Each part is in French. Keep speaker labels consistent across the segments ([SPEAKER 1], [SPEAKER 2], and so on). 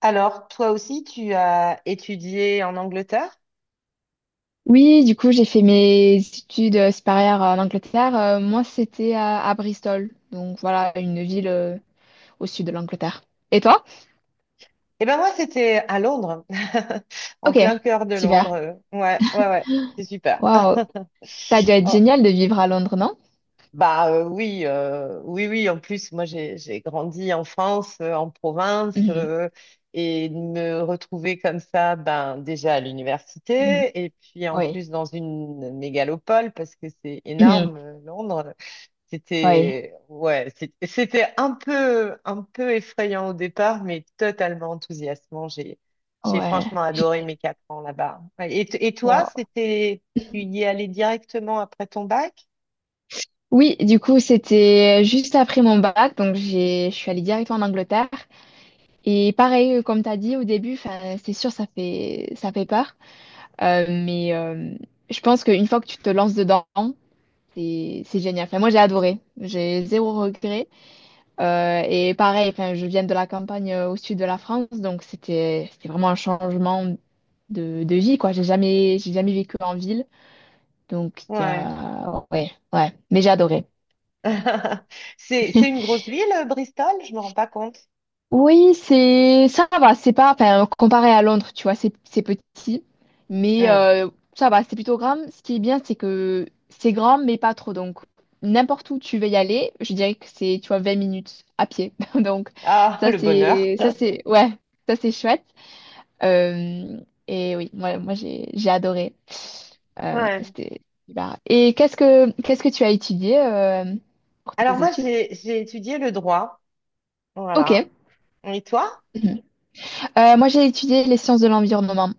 [SPEAKER 1] Alors, toi aussi, tu as étudié en Angleterre?
[SPEAKER 2] Oui, du coup, j'ai fait mes études supérieures en Angleterre. Moi, c'était à Bristol. Donc voilà, une ville au sud de l'Angleterre. Et toi?
[SPEAKER 1] Eh ben moi, c'était à Londres, en
[SPEAKER 2] Ok,
[SPEAKER 1] plein cœur de
[SPEAKER 2] super.
[SPEAKER 1] Londres. Ouais, ouais, ouais, c'était super.
[SPEAKER 2] Waouh, ça doit être
[SPEAKER 1] Oh,
[SPEAKER 2] génial de vivre à Londres, non?
[SPEAKER 1] bah oui, oui, oui. En plus, moi, j'ai grandi en France, en province,
[SPEAKER 2] Mhm,
[SPEAKER 1] et de me retrouver comme ça, ben déjà à
[SPEAKER 2] mhm.
[SPEAKER 1] l'université, et puis en
[SPEAKER 2] Oui.
[SPEAKER 1] plus dans une mégalopole parce que c'est
[SPEAKER 2] Mhm.
[SPEAKER 1] énorme, Londres.
[SPEAKER 2] Oui.
[SPEAKER 1] C'était ouais, c'était un peu effrayant au départ, mais totalement enthousiasmant. J'ai
[SPEAKER 2] Ouais.
[SPEAKER 1] franchement adoré mes quatre ans là-bas. Ouais. Et, et toi,
[SPEAKER 2] Wow.
[SPEAKER 1] c'était tu y es allé directement après ton bac?
[SPEAKER 2] Oui, du coup, c'était juste après mon bac, donc je suis allée directement en Angleterre. Et pareil, comme tu as dit au début, 'fin, c'est sûr, ça fait peur. Mais je pense qu'une fois que tu te lances dedans, c'est génial. Enfin, moi, j'ai adoré. J'ai zéro regret. Et pareil, enfin, je viens de la campagne au sud de la France, donc c'était vraiment un changement de vie, quoi. J'ai jamais vécu en ville, donc il y
[SPEAKER 1] Ouais.
[SPEAKER 2] a ouais, ouais. Mais j'ai adoré.
[SPEAKER 1] C'est une grosse ville, Bristol, je me rends pas compte.
[SPEAKER 2] Oui, c'est ça va, c'est pas enfin comparé à Londres, tu vois, c'est petit, mais
[SPEAKER 1] Hmm.
[SPEAKER 2] ça va, c'est plutôt grand. Ce qui est bien, c'est que c'est grand mais pas trop, donc n'importe où tu veux y aller, je dirais que c'est, tu vois, 20 minutes à pied. Donc
[SPEAKER 1] Ah,
[SPEAKER 2] ça
[SPEAKER 1] le bonheur.
[SPEAKER 2] c'est ça c'est ouais, ça c'est chouette. Euh, et oui, moi j'ai adoré.
[SPEAKER 1] Ouais.
[SPEAKER 2] C'était super. Et qu'est-ce que tu as étudié, pour
[SPEAKER 1] Alors
[SPEAKER 2] tes
[SPEAKER 1] moi,
[SPEAKER 2] études?
[SPEAKER 1] j'ai étudié le droit.
[SPEAKER 2] Ok.
[SPEAKER 1] Voilà. Et toi?
[SPEAKER 2] Mhm. Moi, j'ai étudié les sciences de l'environnement.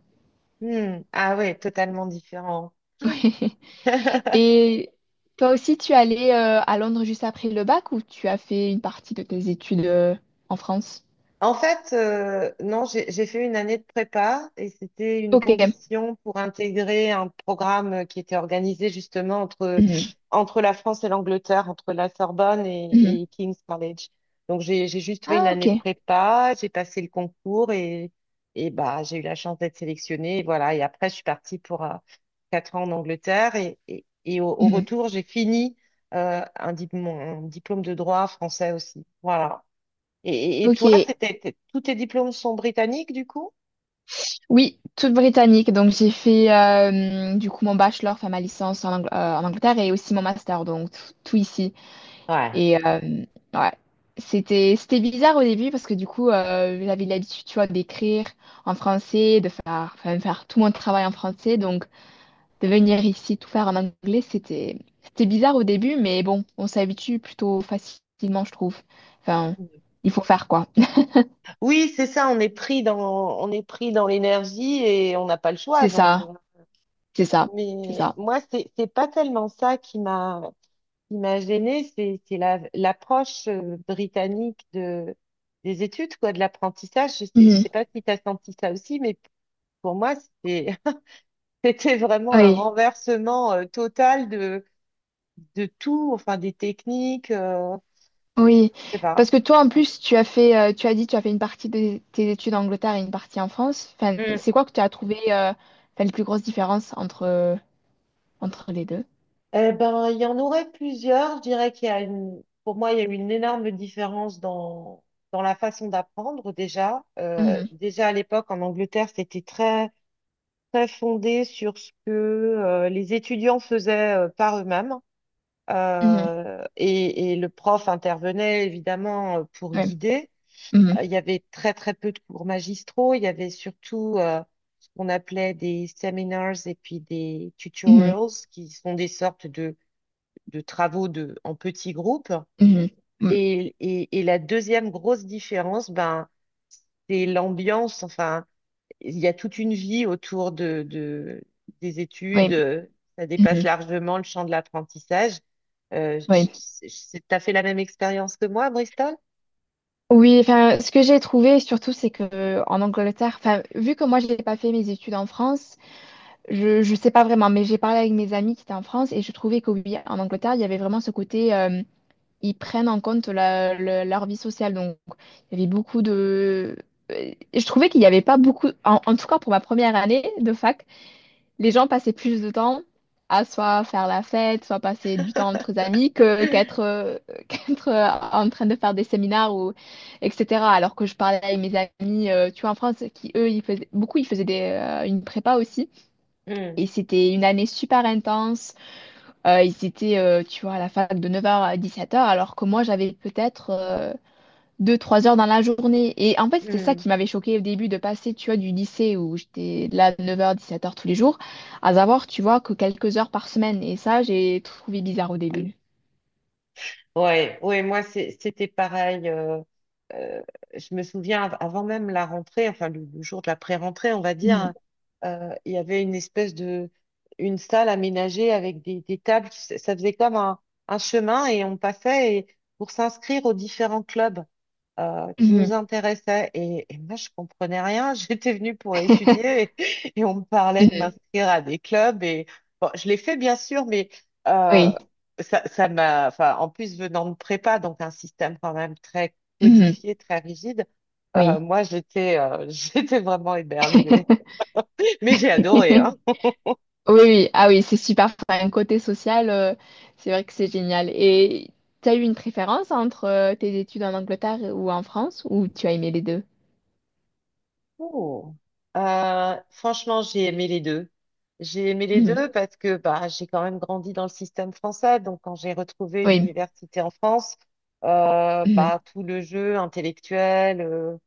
[SPEAKER 1] Hmm. Ah ouais, totalement différent.
[SPEAKER 2] Et toi aussi, tu es allé à Londres juste après le bac, ou tu as fait une partie de tes études en France?
[SPEAKER 1] En fait, non, j'ai fait une année de prépa et c'était une
[SPEAKER 2] Ok.
[SPEAKER 1] condition pour intégrer un programme qui était organisé justement entre,
[SPEAKER 2] Mhm.
[SPEAKER 1] entre la France et l'Angleterre, entre la Sorbonne
[SPEAKER 2] Mhm.
[SPEAKER 1] et King's College. Donc j'ai juste fait une
[SPEAKER 2] Ah, ok.
[SPEAKER 1] année de prépa, j'ai passé le concours et bah, j'ai eu la chance d'être sélectionnée. Et voilà, et après je suis partie pour quatre ans en Angleterre et au, au
[SPEAKER 2] Mhm.
[SPEAKER 1] retour j'ai fini un, un diplôme de droit français aussi. Voilà. Et toi,
[SPEAKER 2] Ok.
[SPEAKER 1] c'était, tous tes diplômes sont britanniques du coup?
[SPEAKER 2] Oui, toute britannique. Donc, j'ai fait du coup mon bachelor, enfin ma licence en, en Angleterre, et aussi mon master, donc tout ici.
[SPEAKER 1] Ouais.
[SPEAKER 2] Et ouais, c'était bizarre au début parce que du coup, j'avais l'habitude, tu vois, d'écrire en français, faire tout mon travail en français. Donc, de venir ici tout faire en anglais, c'était bizarre au début, mais bon, on s'habitue plutôt facilement, je trouve. Enfin, il faut faire quoi.
[SPEAKER 1] Oui, c'est ça, on est pris dans, on est pris dans l'énergie et on n'a pas le choix.
[SPEAKER 2] C'est
[SPEAKER 1] Donc,
[SPEAKER 2] ça, c'est ça, c'est
[SPEAKER 1] mais
[SPEAKER 2] ça.
[SPEAKER 1] moi, c'est pas tellement ça qui m'a gênée, c'est la, l'approche britannique de, des études, quoi, de l'apprentissage. Je
[SPEAKER 2] Mhm.
[SPEAKER 1] sais pas si tu as senti ça aussi, mais pour moi, c'était, c'était vraiment un
[SPEAKER 2] Oui,
[SPEAKER 1] renversement total de tout, enfin, des techniques,
[SPEAKER 2] oui.
[SPEAKER 1] je sais
[SPEAKER 2] Parce
[SPEAKER 1] pas.
[SPEAKER 2] que toi, en plus, tu as fait, tu as fait une partie de tes études en Angleterre et une partie en France. Enfin, c'est quoi que tu as trouvé, enfin, les plus grosses différences entre les deux?
[SPEAKER 1] Eh ben, il y en aurait plusieurs. Je dirais qu'il y a une, pour moi, il y a eu une énorme différence dans, dans la façon d'apprendre déjà.
[SPEAKER 2] Mhm.
[SPEAKER 1] Déjà à l'époque, en Angleterre, c'était très, très fondé sur ce que les étudiants faisaient par eux-mêmes.
[SPEAKER 2] Mhm.
[SPEAKER 1] Et le prof intervenait évidemment pour
[SPEAKER 2] Oui.
[SPEAKER 1] guider.
[SPEAKER 2] Mhm.
[SPEAKER 1] Il y avait très, très peu de cours magistraux. Il y avait surtout ce qu'on appelait des seminars et puis des
[SPEAKER 2] Mhm.
[SPEAKER 1] tutorials, qui sont des sortes de travaux de, en petits groupes.
[SPEAKER 2] Mhm. Mm.
[SPEAKER 1] Et la deuxième grosse différence, ben, c'est l'ambiance. Enfin, il y a toute une vie autour de, des
[SPEAKER 2] Oui.
[SPEAKER 1] études. Ça dépasse
[SPEAKER 2] Mhm.
[SPEAKER 1] largement le champ de l'apprentissage. Euh, je-
[SPEAKER 2] Oui.
[SPEAKER 1] je- t'as fait la même expérience que moi à Bristol?
[SPEAKER 2] Oui, enfin, ce que j'ai trouvé surtout, c'est que en Angleterre, enfin, vu que moi, je n'ai pas fait mes études en France, je ne sais pas vraiment, mais j'ai parlé avec mes amis qui étaient en France, et je trouvais que oui, en Angleterre, il y avait vraiment ce côté, ils prennent en compte leur vie sociale. Donc, il y avait beaucoup de... Je trouvais qu'il n'y avait pas beaucoup, en tout cas pour ma première année de fac, les gens passaient plus de temps à soit faire la fête, soit passer du temps entre amis que qu'être qu'être en train de faire des séminaires ou etc. Alors que je parlais avec mes amis, tu vois, en France, qui eux, ils faisaient une prépa aussi.
[SPEAKER 1] Hmm,
[SPEAKER 2] Et c'était une année super intense. Ils étaient, tu vois, à la fac de 9h à 17h, alors que moi, j'avais peut-être deux, trois heures dans la journée. Et en fait, c'était ça
[SPEAKER 1] hmm.
[SPEAKER 2] qui m'avait choqué au début, de passer, tu vois, du lycée où j'étais là de neuf heures dix-sept heures tous les jours, à savoir, tu vois, que quelques heures par semaine. Et ça, j'ai trouvé bizarre au début.
[SPEAKER 1] Ouais, ouais, moi c'était pareil. Euh, je me souviens avant même la rentrée, enfin le jour de la pré-rentrée, on va dire,
[SPEAKER 2] Mhm.
[SPEAKER 1] hein, il y avait une espèce de une salle aménagée avec des tables. Ça faisait comme un chemin et on passait et, pour s'inscrire aux différents clubs qui nous
[SPEAKER 2] Mhm.
[SPEAKER 1] intéressait. Et moi, je comprenais rien. J'étais venue pour étudier et on me parlait de
[SPEAKER 2] Mhm.
[SPEAKER 1] m'inscrire à des clubs. Et bon, je l'ai fait, bien sûr, mais euh,
[SPEAKER 2] Oui.
[SPEAKER 1] ça, ça m'a, enfin, en plus, venant de prépa, donc un système quand même très
[SPEAKER 2] Mhm.
[SPEAKER 1] codifié, très rigide,
[SPEAKER 2] Oui.
[SPEAKER 1] moi, j'étais j'étais vraiment éberluée. Mais j'ai adoré, hein.
[SPEAKER 2] Oui, oui. Ah oui, c'est super. Enfin, un côté social, c'est vrai que c'est génial. Et tu as eu une préférence entre tes études en Angleterre ou en France, ou tu as aimé les deux?
[SPEAKER 1] Oh. Franchement, j'ai aimé les deux. J'ai aimé les
[SPEAKER 2] Mhm.
[SPEAKER 1] deux parce que bah, j'ai quand même grandi dans le système français. Donc, quand j'ai retrouvé
[SPEAKER 2] Oui.
[SPEAKER 1] l'université en France,
[SPEAKER 2] Mhm.
[SPEAKER 1] bah, tout le jeu intellectuel,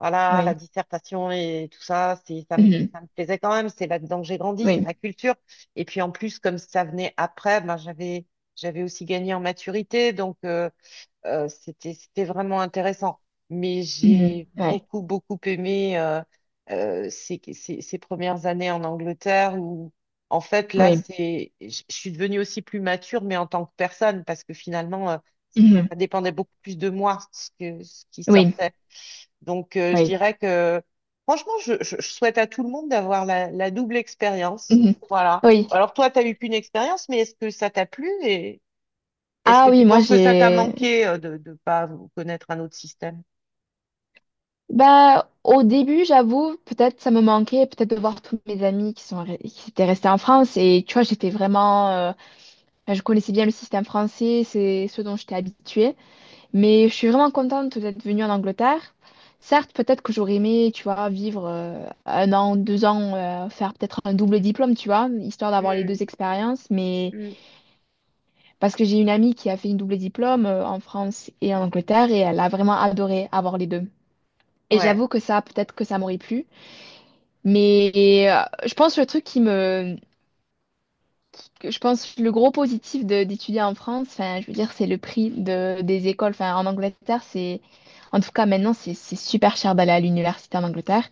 [SPEAKER 1] voilà, la
[SPEAKER 2] Oui.
[SPEAKER 1] dissertation et tout ça, c'est,
[SPEAKER 2] Mhm.
[SPEAKER 1] ça me plaisait quand même. C'est là-dedans que j'ai grandi, c'est
[SPEAKER 2] Oui.
[SPEAKER 1] ma culture. Et puis, en plus, comme ça venait après, ben j'avais, j'avais aussi gagné en maturité. Donc, c'était, c'était vraiment intéressant. Mais
[SPEAKER 2] Mhm.
[SPEAKER 1] j'ai
[SPEAKER 2] Ouais.
[SPEAKER 1] beaucoup, beaucoup aimé ces, ces, ces premières années en Angleterre où, en fait, là,
[SPEAKER 2] Oui.
[SPEAKER 1] c'est, je suis devenue aussi plus mature, mais en tant que personne, parce que finalement,
[SPEAKER 2] Mhm.
[SPEAKER 1] ça dépendait beaucoup plus de moi, ce que, ce qui
[SPEAKER 2] Oui.
[SPEAKER 1] sortait. Donc, je
[SPEAKER 2] Oui.
[SPEAKER 1] dirais que, franchement, je, je souhaite à tout le monde d'avoir la, la double expérience.
[SPEAKER 2] Mhm.
[SPEAKER 1] Voilà.
[SPEAKER 2] Oui.
[SPEAKER 1] Alors, toi, tu n'as eu qu'une expérience, mais est-ce que ça t'a plu est-ce
[SPEAKER 2] Ah
[SPEAKER 1] que tu
[SPEAKER 2] oui, moi
[SPEAKER 1] penses que ça t'a
[SPEAKER 2] j'ai.
[SPEAKER 1] manqué de ne pas connaître un autre système?
[SPEAKER 2] Bah, au début, j'avoue, peut-être ça me manquait, peut-être de voir tous mes amis qui étaient restés en France. Et tu vois, j'étais vraiment. Enfin, je connaissais bien le système français, c'est ce dont j'étais habituée, mais je suis vraiment contente d'être venue en Angleterre. Certes, peut-être que j'aurais aimé, tu vois, vivre 1 an, 2 ans, faire peut-être un double diplôme, tu vois, histoire d'avoir les
[SPEAKER 1] Mm,
[SPEAKER 2] deux expériences, mais
[SPEAKER 1] mm.
[SPEAKER 2] parce que j'ai une amie qui a fait une double diplôme en France et en Angleterre, et elle a vraiment adoré avoir les deux. Et
[SPEAKER 1] Ouais,
[SPEAKER 2] j'avoue que ça, peut-être que ça m'aurait plu. Mais je pense le truc qui me... que Je pense le gros positif d'étudier en France, enfin, je veux dire, c'est le prix des écoles. Enfin, en Angleterre, c'est... En tout cas, maintenant, c'est super cher d'aller à l'université en Angleterre.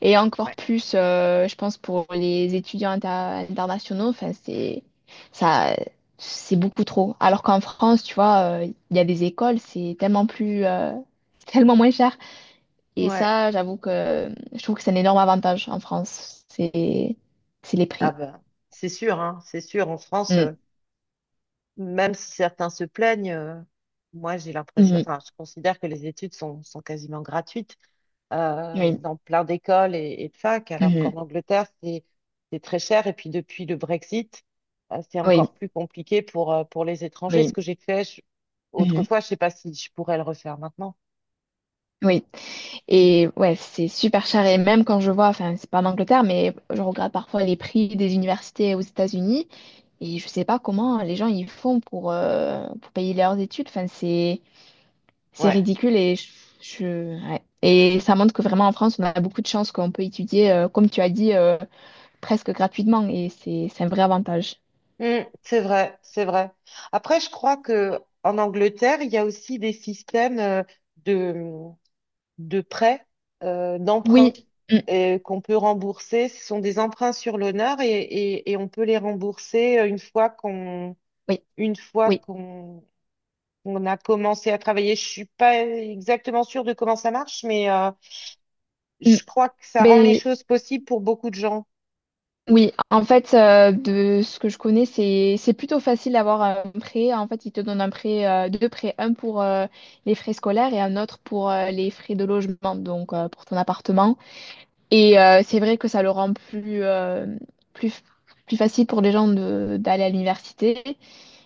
[SPEAKER 2] Et encore
[SPEAKER 1] ouais,
[SPEAKER 2] plus, je pense, pour les étudiants internationaux, enfin, ça, c'est beaucoup trop. Alors qu'en France, tu vois, il y a des écoles, c'est tellement plus, tellement moins cher. Et
[SPEAKER 1] ouais.
[SPEAKER 2] ça, j'avoue que je trouve que c'est un énorme avantage en France. C'est les
[SPEAKER 1] Ah
[SPEAKER 2] prix.
[SPEAKER 1] ben, c'est sûr, hein, c'est sûr. En France,
[SPEAKER 2] Mm.
[SPEAKER 1] même si certains se plaignent, moi j'ai l'impression,
[SPEAKER 2] Mhm.
[SPEAKER 1] enfin, je considère que les études sont, sont quasiment gratuites.
[SPEAKER 2] Oui.
[SPEAKER 1] Dans plein d'écoles et de facs, alors qu'en
[SPEAKER 2] Mhm.
[SPEAKER 1] Angleterre, c'est très cher. Et puis depuis le Brexit, c'est
[SPEAKER 2] Oui,
[SPEAKER 1] encore plus compliqué pour les étrangers. Ce
[SPEAKER 2] oui.
[SPEAKER 1] que j'ai fait
[SPEAKER 2] Mhm.
[SPEAKER 1] autrefois, je sais pas si je pourrais le refaire maintenant.
[SPEAKER 2] Oui. Et ouais, c'est super cher. Et même quand je vois, enfin, c'est pas en Angleterre, mais je regarde parfois les prix des universités aux États-Unis. Et je sais pas comment les gens ils font pour payer leurs études. Enfin, c'est
[SPEAKER 1] Ouais,
[SPEAKER 2] ridicule ouais. Et ça montre que vraiment en France, on a beaucoup de chance qu'on peut étudier, comme tu as dit, presque gratuitement. Et c'est un vrai avantage.
[SPEAKER 1] mm, c'est vrai, c'est vrai. Après, je crois que en Angleterre, il y a aussi des systèmes de, de prêts,
[SPEAKER 2] Oui,
[SPEAKER 1] d'emprunts
[SPEAKER 2] mm,
[SPEAKER 1] et qu'on peut rembourser. Ce sont des emprunts sur l'honneur et on peut les rembourser
[SPEAKER 2] oui,
[SPEAKER 1] une fois
[SPEAKER 2] oui.
[SPEAKER 1] qu'on qu'on a commencé à travailler. Je suis pas exactement sûre de comment ça marche, mais
[SPEAKER 2] Mm.
[SPEAKER 1] je crois que ça rend les
[SPEAKER 2] Mais
[SPEAKER 1] choses possibles pour beaucoup de gens.
[SPEAKER 2] oui, en fait, de ce que je connais, c'est plutôt facile d'avoir un prêt. En fait, ils te donnent un prêt, deux prêts, un pour les frais scolaires et un autre pour les frais de logement, donc pour ton appartement. Et c'est vrai que ça le rend plus, plus facile pour les gens d'aller à l'université.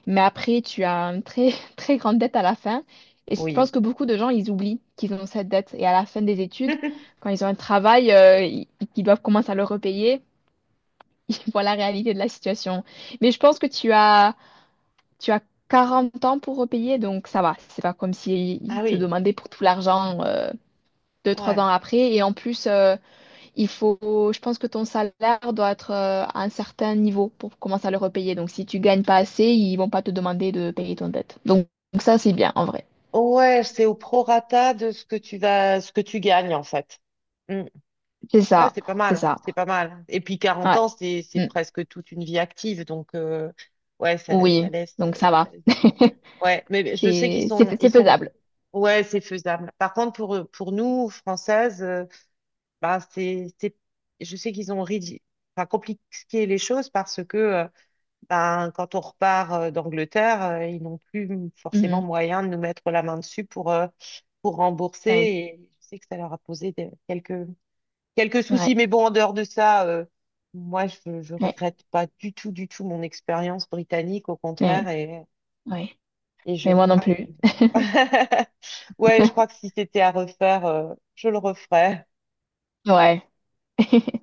[SPEAKER 2] Mais après, tu as une très, très grande dette à la fin. Et je pense
[SPEAKER 1] Oui.
[SPEAKER 2] que beaucoup de gens, ils oublient qu'ils ont cette dette. Et à la fin des études, quand ils ont un travail, ils doivent commencer à le repayer. Ils voient la réalité de la situation. Mais je pense que tu as 40 ans pour repayer, donc ça va. C'est pas comme si
[SPEAKER 1] Ah
[SPEAKER 2] ils te
[SPEAKER 1] oui.
[SPEAKER 2] demandaient pour tout l'argent deux, trois ans
[SPEAKER 1] Ouais.
[SPEAKER 2] après. Et en plus, je pense que ton salaire doit être à un certain niveau pour commencer à le repayer. Donc, si tu gagnes pas assez, ils vont pas te demander de payer ton dette. Donc, ça, c'est bien, en vrai.
[SPEAKER 1] Ouais, c'est au prorata de ce que tu vas, ce que tu gagnes en fait. Mm.
[SPEAKER 2] C'est
[SPEAKER 1] Ouais,
[SPEAKER 2] ça,
[SPEAKER 1] c'est pas
[SPEAKER 2] c'est
[SPEAKER 1] mal,
[SPEAKER 2] ça.
[SPEAKER 1] c'est pas mal. Et puis 40
[SPEAKER 2] Ouais.
[SPEAKER 1] ans, c'est
[SPEAKER 2] Mm.
[SPEAKER 1] presque toute une vie active, donc ouais, ça
[SPEAKER 2] Oui,
[SPEAKER 1] laisse.
[SPEAKER 2] donc ça va.
[SPEAKER 1] Ouais, mais je sais qu'ils sont ils
[SPEAKER 2] C'est
[SPEAKER 1] sont.
[SPEAKER 2] faisable.
[SPEAKER 1] Ouais, c'est faisable. Par contre, pour nous Françaises. Bah, je sais qu'ils ont enfin, compliqué les choses parce que ben, quand on repart d'Angleterre, ils n'ont plus forcément
[SPEAKER 2] Mhm.
[SPEAKER 1] moyen de nous mettre la main dessus pour rembourser.
[SPEAKER 2] Ouais,
[SPEAKER 1] Et je sais que ça leur a posé quelques, quelques soucis. Mais
[SPEAKER 2] ouais,
[SPEAKER 1] bon, en dehors de ça, moi, je ne
[SPEAKER 2] ouais,
[SPEAKER 1] regrette pas du tout, du tout mon expérience britannique, au contraire.
[SPEAKER 2] ouais, ouais.
[SPEAKER 1] Et je
[SPEAKER 2] Mais moi non
[SPEAKER 1] crois
[SPEAKER 2] plus.
[SPEAKER 1] que... Ouais, je crois que si c'était à refaire, je le referais.
[SPEAKER 2] Ouais.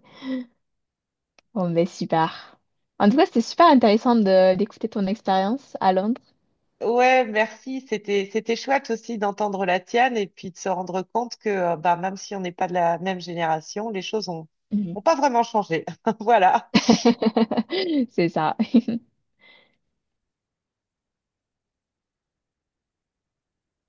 [SPEAKER 2] Bon, ben super. En tout cas, c'était super intéressant de d'écouter ton expérience à Londres.
[SPEAKER 1] Ouais, merci. C'était chouette aussi d'entendre la tienne et puis de se rendre compte que bah, même si on n'est pas de la même génération, les choses ont,
[SPEAKER 2] Mhm.
[SPEAKER 1] ont pas vraiment changé. Voilà.
[SPEAKER 2] C'est ça.